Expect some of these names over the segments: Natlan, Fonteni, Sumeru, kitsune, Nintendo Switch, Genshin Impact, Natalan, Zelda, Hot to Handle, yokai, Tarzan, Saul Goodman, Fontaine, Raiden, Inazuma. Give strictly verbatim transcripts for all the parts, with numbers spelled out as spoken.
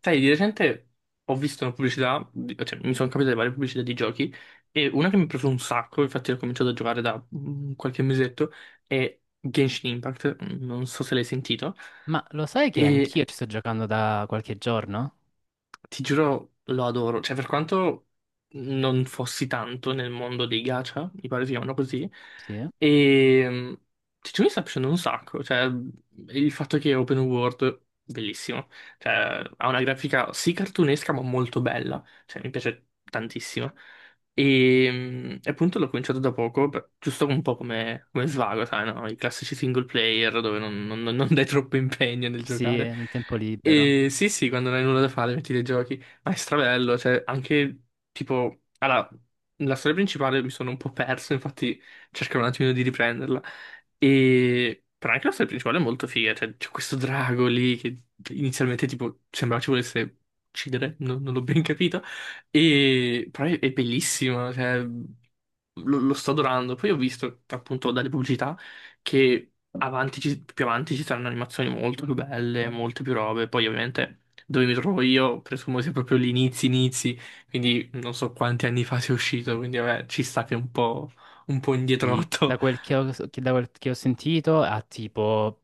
Sai, di recente ho visto una pubblicità, di- cioè mi sono capitate varie pubblicità di giochi e una che mi ha preso un sacco, infatti l'ho cominciato a giocare da mm, qualche mesetto, è Genshin Impact, mm, non so se l'hai sentito. Ma lo sai che anch'io ci sto giocando da qualche giorno? Ti giuro, lo adoro. Cioè, per quanto non fossi tanto nel mondo dei gacha, mi pare si chiamano così, Sì, eh? e mm, ti giuro, mi sta piacendo un sacco. Cioè, il fatto che è open world, bellissimo. Cioè, ha una grafica sì cartunesca, ma molto bella. Cioè, mi piace tantissimo. E, mm, e appunto l'ho cominciato da poco, per- giusto un po' come, come svago, sai, no? I classici single player dove non, non- non dai troppo impegno nel Sì, giocare. nel tempo libero. E sì, sì, quando non hai nulla da fare metti dei giochi, ma è strabello, cioè anche tipo... Allora, la storia principale mi sono un po' perso, infatti cercherò un attimino di riprenderla. E... Però anche la storia principale è molto figa, cioè c'è questo drago lì che inizialmente tipo sembrava ci volesse uccidere, non non l'ho ben capito. E però è, è bellissima, cioè, lo, lo sto adorando. Poi ho visto appunto dalle pubblicità che avanti ci- più avanti ci saranno animazioni molto più belle, molte più robe. Poi ovviamente dove mi trovo io presumo sia proprio gli inizi inizi, quindi non so quanti anni fa sia uscito, quindi vabbè, ci sta che è un po', un po' indietro. Sì. Da quel che ho, che- da quel che ho sentito ha tipo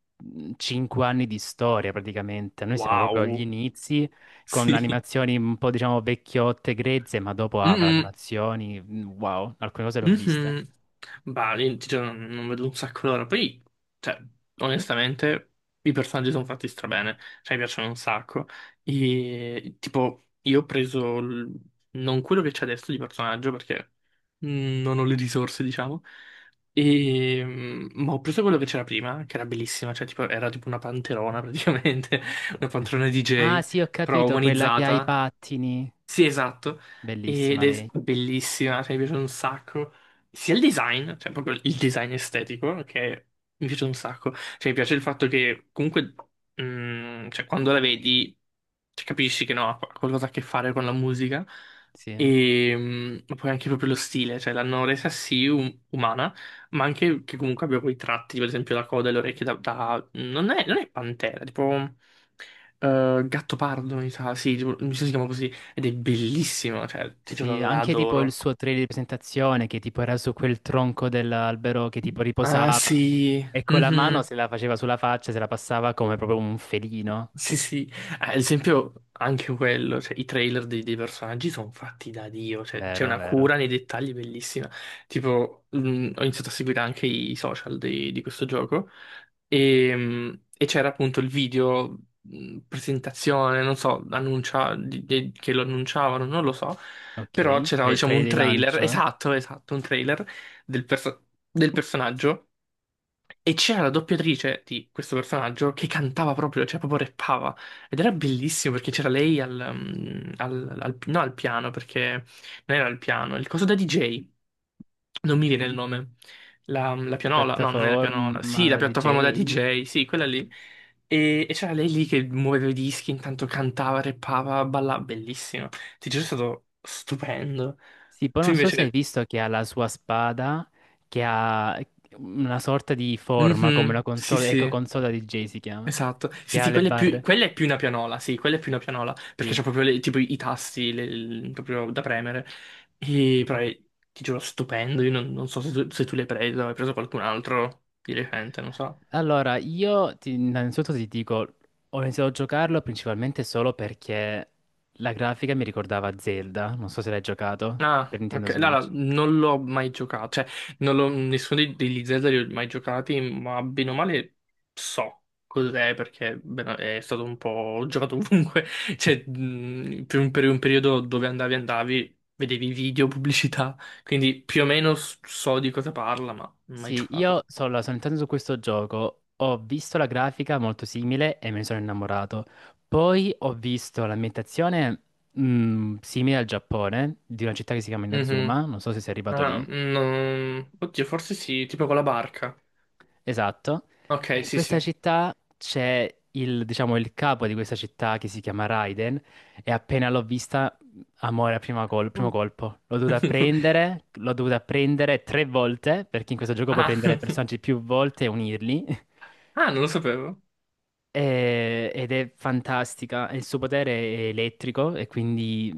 cinque anni di storia praticamente. Noi siamo proprio agli Wow, inizi con sì. animazioni un po', diciamo, vecchiotte, grezze, ma dopo avrà Mm-mm. animazioni. mhmm, Wow, alcune cose le ho viste. Mhm. Bah, lì, ti giuro, non non vedo un sacco l'ora. Poi, cioè, onestamente, i personaggi sono fatti strabene. Cioè, mi piacciono un sacco. E, tipo, io ho preso l- non quello che c'è adesso di personaggio, perché mm, non ho le risorse, diciamo. E, mm, ma ho preso quello che c'era prima, che era bellissima. Cioè, tipo, era tipo una panterona, praticamente. Una panterona Ah D J, sì, ho però capito, quella che ha i umanizzata. pattini. Sì, esatto. Ed Bellissima è lei. bellissima, cioè mi piace un sacco. Sia il design, cioè proprio il design estetico, che mi piace un sacco. Cioè mi piace il fatto che comunque, mm, cioè, quando la vedi, cioè, capisci che no, ha qualcosa a che fare con la musica. Sì. E mm, ma poi anche proprio lo stile, cioè l'hanno resa sì um- umana, ma anche che comunque abbia quei tratti, tipo, ad esempio la coda e le orecchie da... da- non è, non è pantera, tipo... eh, gatto pardo, mi sa, sì, tipo, mi sa si chiama così. Ed è bellissimo, cioè, ti giuro, Sì, la anche tipo il adoro. suo trailer di presentazione, che tipo era su quel tronco dell'albero, che tipo Ah, riposava sì. e con la mano Mhm. se la faceva sulla faccia, se la passava come proprio un felino. Sì, sì. Ah, ad esempio, anche quello, cioè, i trailer dei, dei personaggi sono fatti da Dio, cioè, c'è Vero, una vero. cura nei dettagli bellissima. Tipo, mh, ho iniziato a seguire anche i social di, di questo gioco e, mh, e c'era appunto il video, mh, presentazione, non so, annuncia, di- di- che lo annunciavano, non lo so, però Ok, c'era Tra- diciamo trailer un di trailer, lancio, la esatto, esatto, un trailer del perso- del personaggio e c'era la doppiatrice di questo personaggio che cantava proprio, cioè proprio rappava. Ed era bellissimo perché c'era lei al, mm, al- al- no, al piano, perché non era al piano, il coso da D J. Non mi viene il nome. La, mm, la pianola, no, non è la pianola. piattaforma, Sì, la la piattaforma da D J. D J, sì, quella lì. E, e c'era lei lì che muoveva i dischi, intanto cantava, rappava, ballava. Bellissimo. Ti giuro, è stato stupendo. Sì, poi Tu non so se hai invece... visto che ha la sua spada, che ha una sorta di forma come una Mhm, sì, console, eco sì. console da D J si chiama, Esatto, che sì, ha sì, le quella è più, barre. quella è più una pianola, sì, quella è più una pianola, perché Sì. c'ha proprio le- tipo i tasti le- il- proprio da premere, e, però è- ti giuro, stupendo, io non, non so se tu, se tu l'hai preso, hai preso qualcun altro di recente, non so. Allora, io ti- innanzitutto ti dico, ho iniziato a giocarlo principalmente solo perché la grafica mi ricordava Zelda, non so se l'hai giocato per Ah, Nintendo ok. Allora, Switch. non l'ho mai giocato, cioè, non l'ho- nessuno dei- degli Zelda li ho mai giocati, ma bene o male so cos'è, perché bene, è stato un po'... ho giocato ovunque, cioè, mh, per un, per un periodo dove andavi, andavi, vedevi video, pubblicità, quindi più o meno s- so di cosa parla, ma non ho mai Sì, io giocato. sono, sono entrato su questo gioco, ho visto la grafica molto simile e me ne sono innamorato. Poi ho visto l'ambientazione mh, simile al Giappone, di una città che si chiama Mhm. Inazuma, non so se sei arrivato Ah, lì. no. Oddio, forse sì, tipo con la barca. Esatto. E Ok, in sì, questa sì. città c'è, il, diciamo, il capo di questa città, che si chiama Raiden, e appena l'ho vista, amore a prima col- primo Mm. colpo. L'ho dovuta prendere, l'ho dovuta prendere tre volte, perché in questo gioco puoi Ah, prendere personaggi più volte e unirli. ah, non lo sapevo. E- ed è fantastica. Il suo potere è elettrico e quindi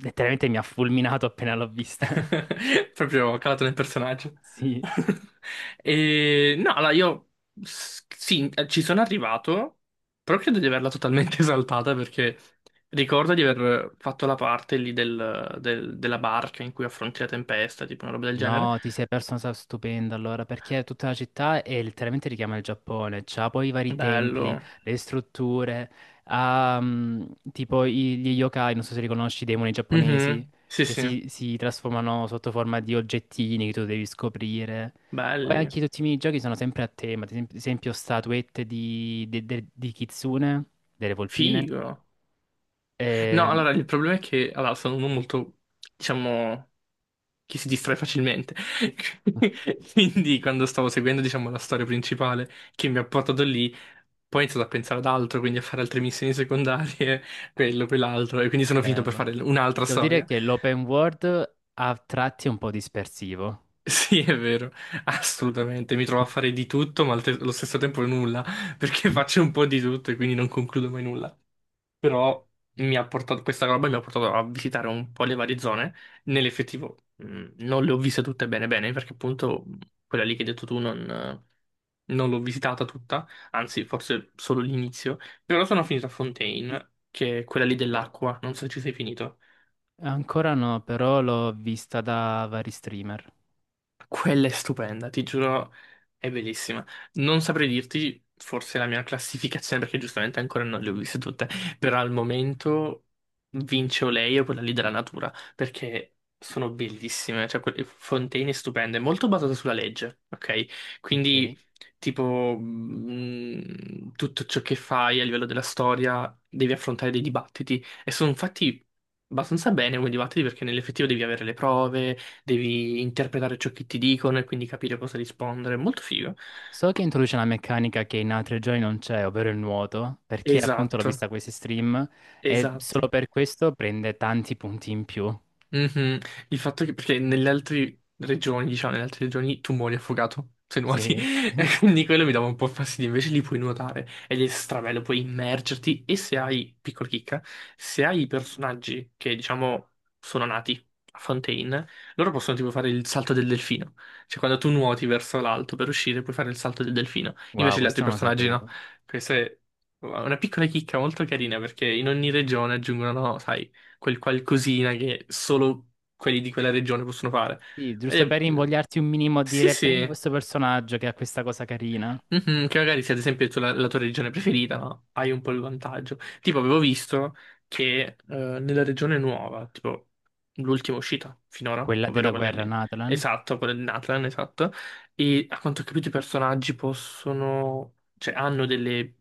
letteralmente mi ha fulminato appena l'ho vista. Proprio calato nel personaggio. Sì. E no, allora io s- sì, eh, ci sono arrivato, però credo di averla totalmente esaltata perché ricordo di aver fatto la parte lì del- del- della barca in cui affronti la tempesta, tipo una roba del genere. No, ti sei perso una cosa stupenda allora, perché tutta la città è letteralmente richiama il Giappone, c'ha poi i vari templi, Bello. le strutture, ha mm, tipo i- gli yokai, non so se li conosci, i demoni giapponesi, Mhm. Sì, che sì, si, si trasformano sotto forma di oggettini che tu devi scoprire. Poi belli. anche tutti i minigiochi sono sempre a tema, ad esempio esempio statuette di, de- de- di kitsune, delle volpine, Figo. No, e. allora il problema è che allora, sono uno molto, diciamo, che si distrae facilmente. Quindi, quando stavo seguendo, diciamo, la storia principale che mi ha portato lì, poi ho iniziato a pensare ad altro, quindi a fare altre missioni secondarie, quello, quell'altro, e quindi sono finito per Vero. fare un'altra Devo dire storia. che l'open world a tratti è un po' dispersivo. Sì, è vero, assolutamente. Mi trovo a fare di tutto, ma al te- allo stesso tempo nulla, perché faccio un po' di tutto e quindi non concludo mai nulla. Però mi ha portato, questa roba mi ha portato a visitare un po' le varie zone. Nell'effettivo, mh, non le ho viste tutte bene bene, perché appunto quella lì che hai detto tu non, non l'ho visitata tutta, anzi, forse solo l'inizio. Però sono finito a Fontaine, che è quella lì dell'acqua, non so se ci sei finito. Ancora no, però l'ho vista da vari streamer. Quella è stupenda, ti giuro, è bellissima. Non saprei dirti forse la mia classificazione, perché giustamente ancora non le ho viste tutte, però al momento vince o lei o quella lì della natura, perché sono bellissime, cioè quelle fontane stupende, molto basate sulla legge, ok? Quindi Ok. tipo mh, tutto ciò che fai a livello della storia devi affrontare dei dibattiti e sono fatti abbastanza bene come dibattiti perché nell'effettivo devi avere le prove, devi interpretare ciò che ti dicono e quindi capire cosa rispondere. Molto figo. So che introduce una meccanica che in altri giochi non c'è, ovvero il nuoto, perché appunto l'ho Esatto, vista a questi stream, e esatto. solo per questo prende tanti punti in più. Mhm. Il fatto che, perché nelle altre regioni, diciamo, nelle altre regioni tu muori affogato se nuoti, Sì. e quindi quello mi dava un po' fastidio. Invece lì puoi nuotare ed è strabello, puoi immergerti. E se hai, piccola chicca, se hai i personaggi che, diciamo, sono nati a Fontaine, loro possono tipo fare il salto del delfino. Cioè, quando tu nuoti verso l'alto per uscire, puoi fare il salto del delfino. Wow, Invece gli questo altri non lo personaggi no. sapevo. Questa è una piccola chicca molto carina perché in ogni regione aggiungono, sai, quel qualcosina che solo quelli di quella regione possono fare. Sì, giusto per E- eh, invogliarti un minimo a sì, dire prendi sì. questo personaggio che ha questa cosa carina, Mhm, che magari se ad esempio tu la, la tua regione preferita, no? Hai un po' il vantaggio. Tipo, avevo visto che eh, nella regione nuova, tipo l'ultima uscita finora, quella della ovvero quella guerra, lì, Natalan. esatto, quella di Natlan, esatto, e a quanto ho capito i personaggi possono, cioè hanno delle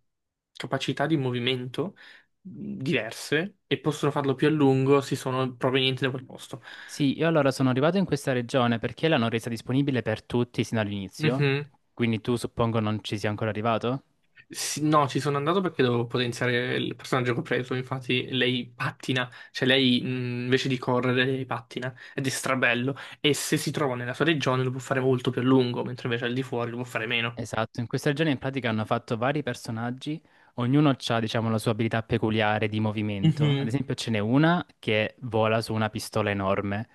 capacità di movimento mh, diverse e possono farlo più a lungo se sono provenienti da quel posto. Sì, io allora sono arrivato in questa regione perché l'hanno resa disponibile per tutti sin dall'inizio, Mhm. quindi tu suppongo non ci sia ancora arrivato? Sì, no, ci sono andato perché dovevo potenziare il personaggio che ho preso. Infatti, lei pattina, cioè lei mh, invece di correre, lei pattina ed è strabello. E se si trova nella sua regione lo può fare molto più a lungo, mentre invece al di fuori lo può fare meno. Esatto, in questa regione in pratica hanno fatto vari personaggi, ognuno ha, diciamo, la sua abilità peculiare di movimento. Ad Mhm. esempio, ce n'è una che vola su una pistola enorme,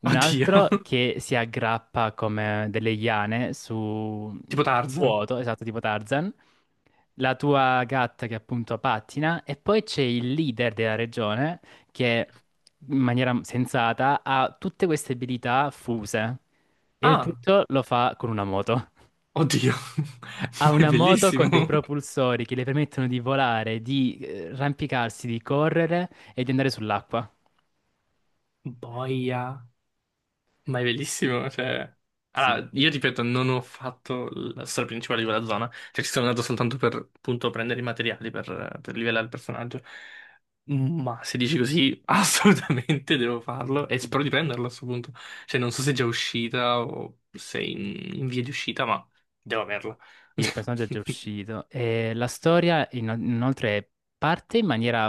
un Oddio, altro che si aggrappa come delle iane su tipo Tarzan. vuoto, esatto, tipo Tarzan, la tua gatta che appunto pattina, e poi c'è il leader della regione, che in maniera sensata ha tutte queste abilità fuse. E il Ah, tutto lo fa con una moto. oddio, Ha è una moto con dei bellissimo. propulsori che le permettono di volare, di eh, arrampicarsi, di correre e di andare sull'acqua. Boia. Ma è bellissimo, cioè... Sì, Allora, io ripeto, non ho fatto la storia principale di quella zona, cioè ci sono andato soltanto per, appunto, prendere i materiali per, per livellare il personaggio, ma se dici così, assolutamente devo farlo e sì, spero di prenderlo a questo punto. Cioè, non so se è già uscita o se è in, in via di uscita, ma devo averla. il personaggio è già uscito. E la storia in- inoltre parte in maniera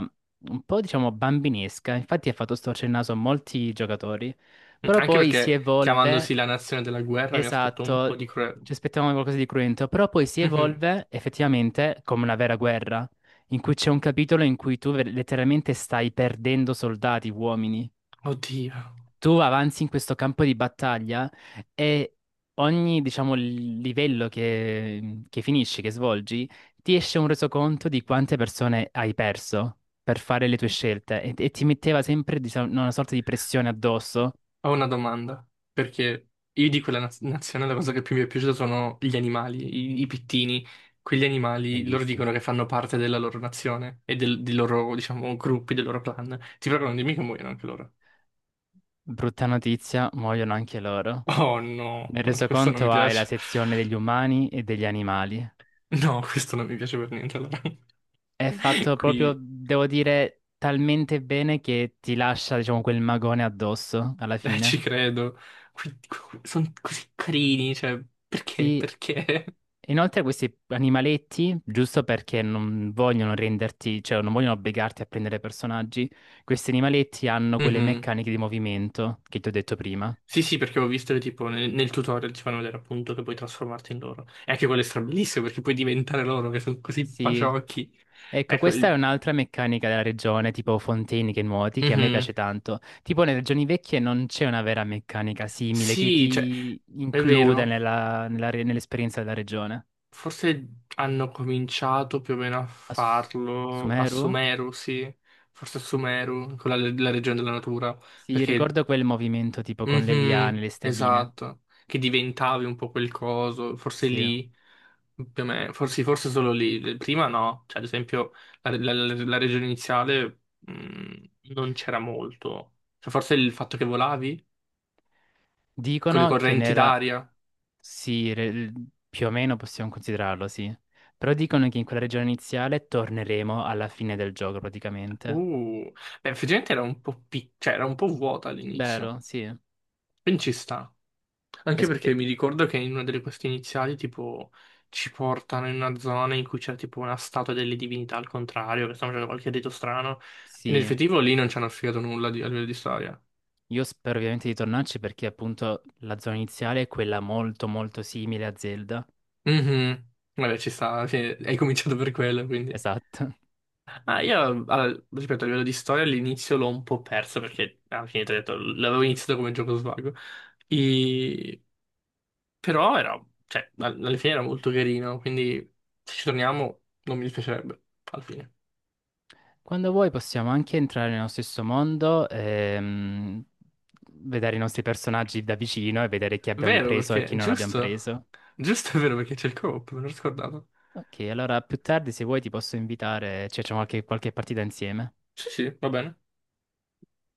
un po', diciamo, bambinesca. Infatti ha fatto storcere il naso a molti giocatori, però Anche poi si perché, evolve. chiamandosi la nazione della guerra, mi aspetto un po' Esatto, di... cura- ci aspettavamo qualcosa di cruento, però poi si Mhm. evolve effettivamente come una vera guerra, in cui c'è un capitolo in cui tu ver- letteralmente stai perdendo soldati, uomini. Oddio. Tu avanzi in questo campo di battaglia e ogni, diciamo, l- livello che, che finisci, che svolgi, ti esce un resoconto di quante persone hai perso per fare le tue scelte, e, e ti metteva sempre, diciamo, una sorta di pressione addosso. Ho una domanda, perché io di quella naz- nazione la cosa che più mi è piaciuta sono gli animali, i, i pittini. Quegli animali loro Bellissimo. dicono che fanno parte della loro nazione e del, dei loro, diciamo, gruppi, dei loro clan. Ti prego, non dimmi che muoiono anche loro. Brutta notizia, muoiono anche loro. Oh no, Nel questo non mi resoconto hai la piace. sezione degli umani e degli animali. No, questo non mi piace per niente. Allora. È fatto proprio, Qui, devo dire, talmente bene che ti lascia, diciamo, quel magone addosso alla eh, ci fine. credo. Qui, sono così carini, cioè, perché? Sì, Perché? inoltre questi animaletti, giusto perché non vogliono renderti, cioè non vogliono obbligarti a prendere personaggi, questi animaletti hanno quelle Mhm. meccaniche di movimento che ti ho detto prima. Sì, sì, perché ho visto che tipo nel, nel tutorial ti fanno vedere appunto che puoi trasformarti in loro. E anche quello è strabilissimo perché puoi diventare loro che sono così Sì. paciocchi. Ecco, Ecco, questa è il... un'altra meccanica della regione, tipo Fonteni che nuoti, che a me Mhm. piace tanto. Tipo nelle regioni vecchie non c'è una vera meccanica simile che Sì, cioè, ti è includa vero. nella- nella re- nell'esperienza della regione. Forse hanno cominciato più o meno a A Su- farlo a Sumeru? Sumeru, sì. Forse a Sumeru, con la, la regione della natura, Sì, perché ricordo quel movimento tipo con le liane, Mhm, le stelline. esatto, che diventavi un po' quel coso, forse Sì. lì, più o meno, forse, sì, forse solo lì, prima no, cioè ad esempio la, la- la- la regione iniziale mh, non c'era molto, cioè forse il fatto che volavi con le Dicono che correnti nella. d'aria, Sì, re- più o meno possiamo considerarlo, sì. Però dicono che in quella regione iniziale torneremo alla fine del gioco praticamente. uh, beh, effettivamente era un po', pic- cioè, era un po' vuota all'inizio, Vero, sì. E quindi ci sta. Anche perché spe- mi ricordo che in una delle queste iniziali, tipo, ci portano in una zona in cui c'è tipo una statua delle divinità al contrario, che stanno facendo qualche rito strano. E sì. nell'effettivo lì non ci hanno spiegato nulla di- a livello di storia. Io spero ovviamente di tornarci perché appunto la zona iniziale è quella molto molto simile a Zelda. Mhm. Vabbè, ci sta, sì, hai cominciato per quello, quindi. Esatto. Ah, io, allora, ripeto, a livello di storia all'inizio l'ho un po' perso perché alla fine ti ho detto, l'avevo iniziato come gioco svago. E- Però era, cioè, all- alla fine era molto carino, quindi se ci torniamo non mi dispiacerebbe, alla fine. Quando vuoi possiamo anche entrare nello stesso mondo, ehm, vedere i nostri personaggi da vicino e vedere chi abbiamo Vero preso e chi perché, non abbiamo giusto? preso. Giusto è vero perché c'è il co-op, me l'ho scordato. Ok, allora più tardi se vuoi ti posso invitare, ci facciamo qualche, qualche partita insieme. Sì, sì, va bene.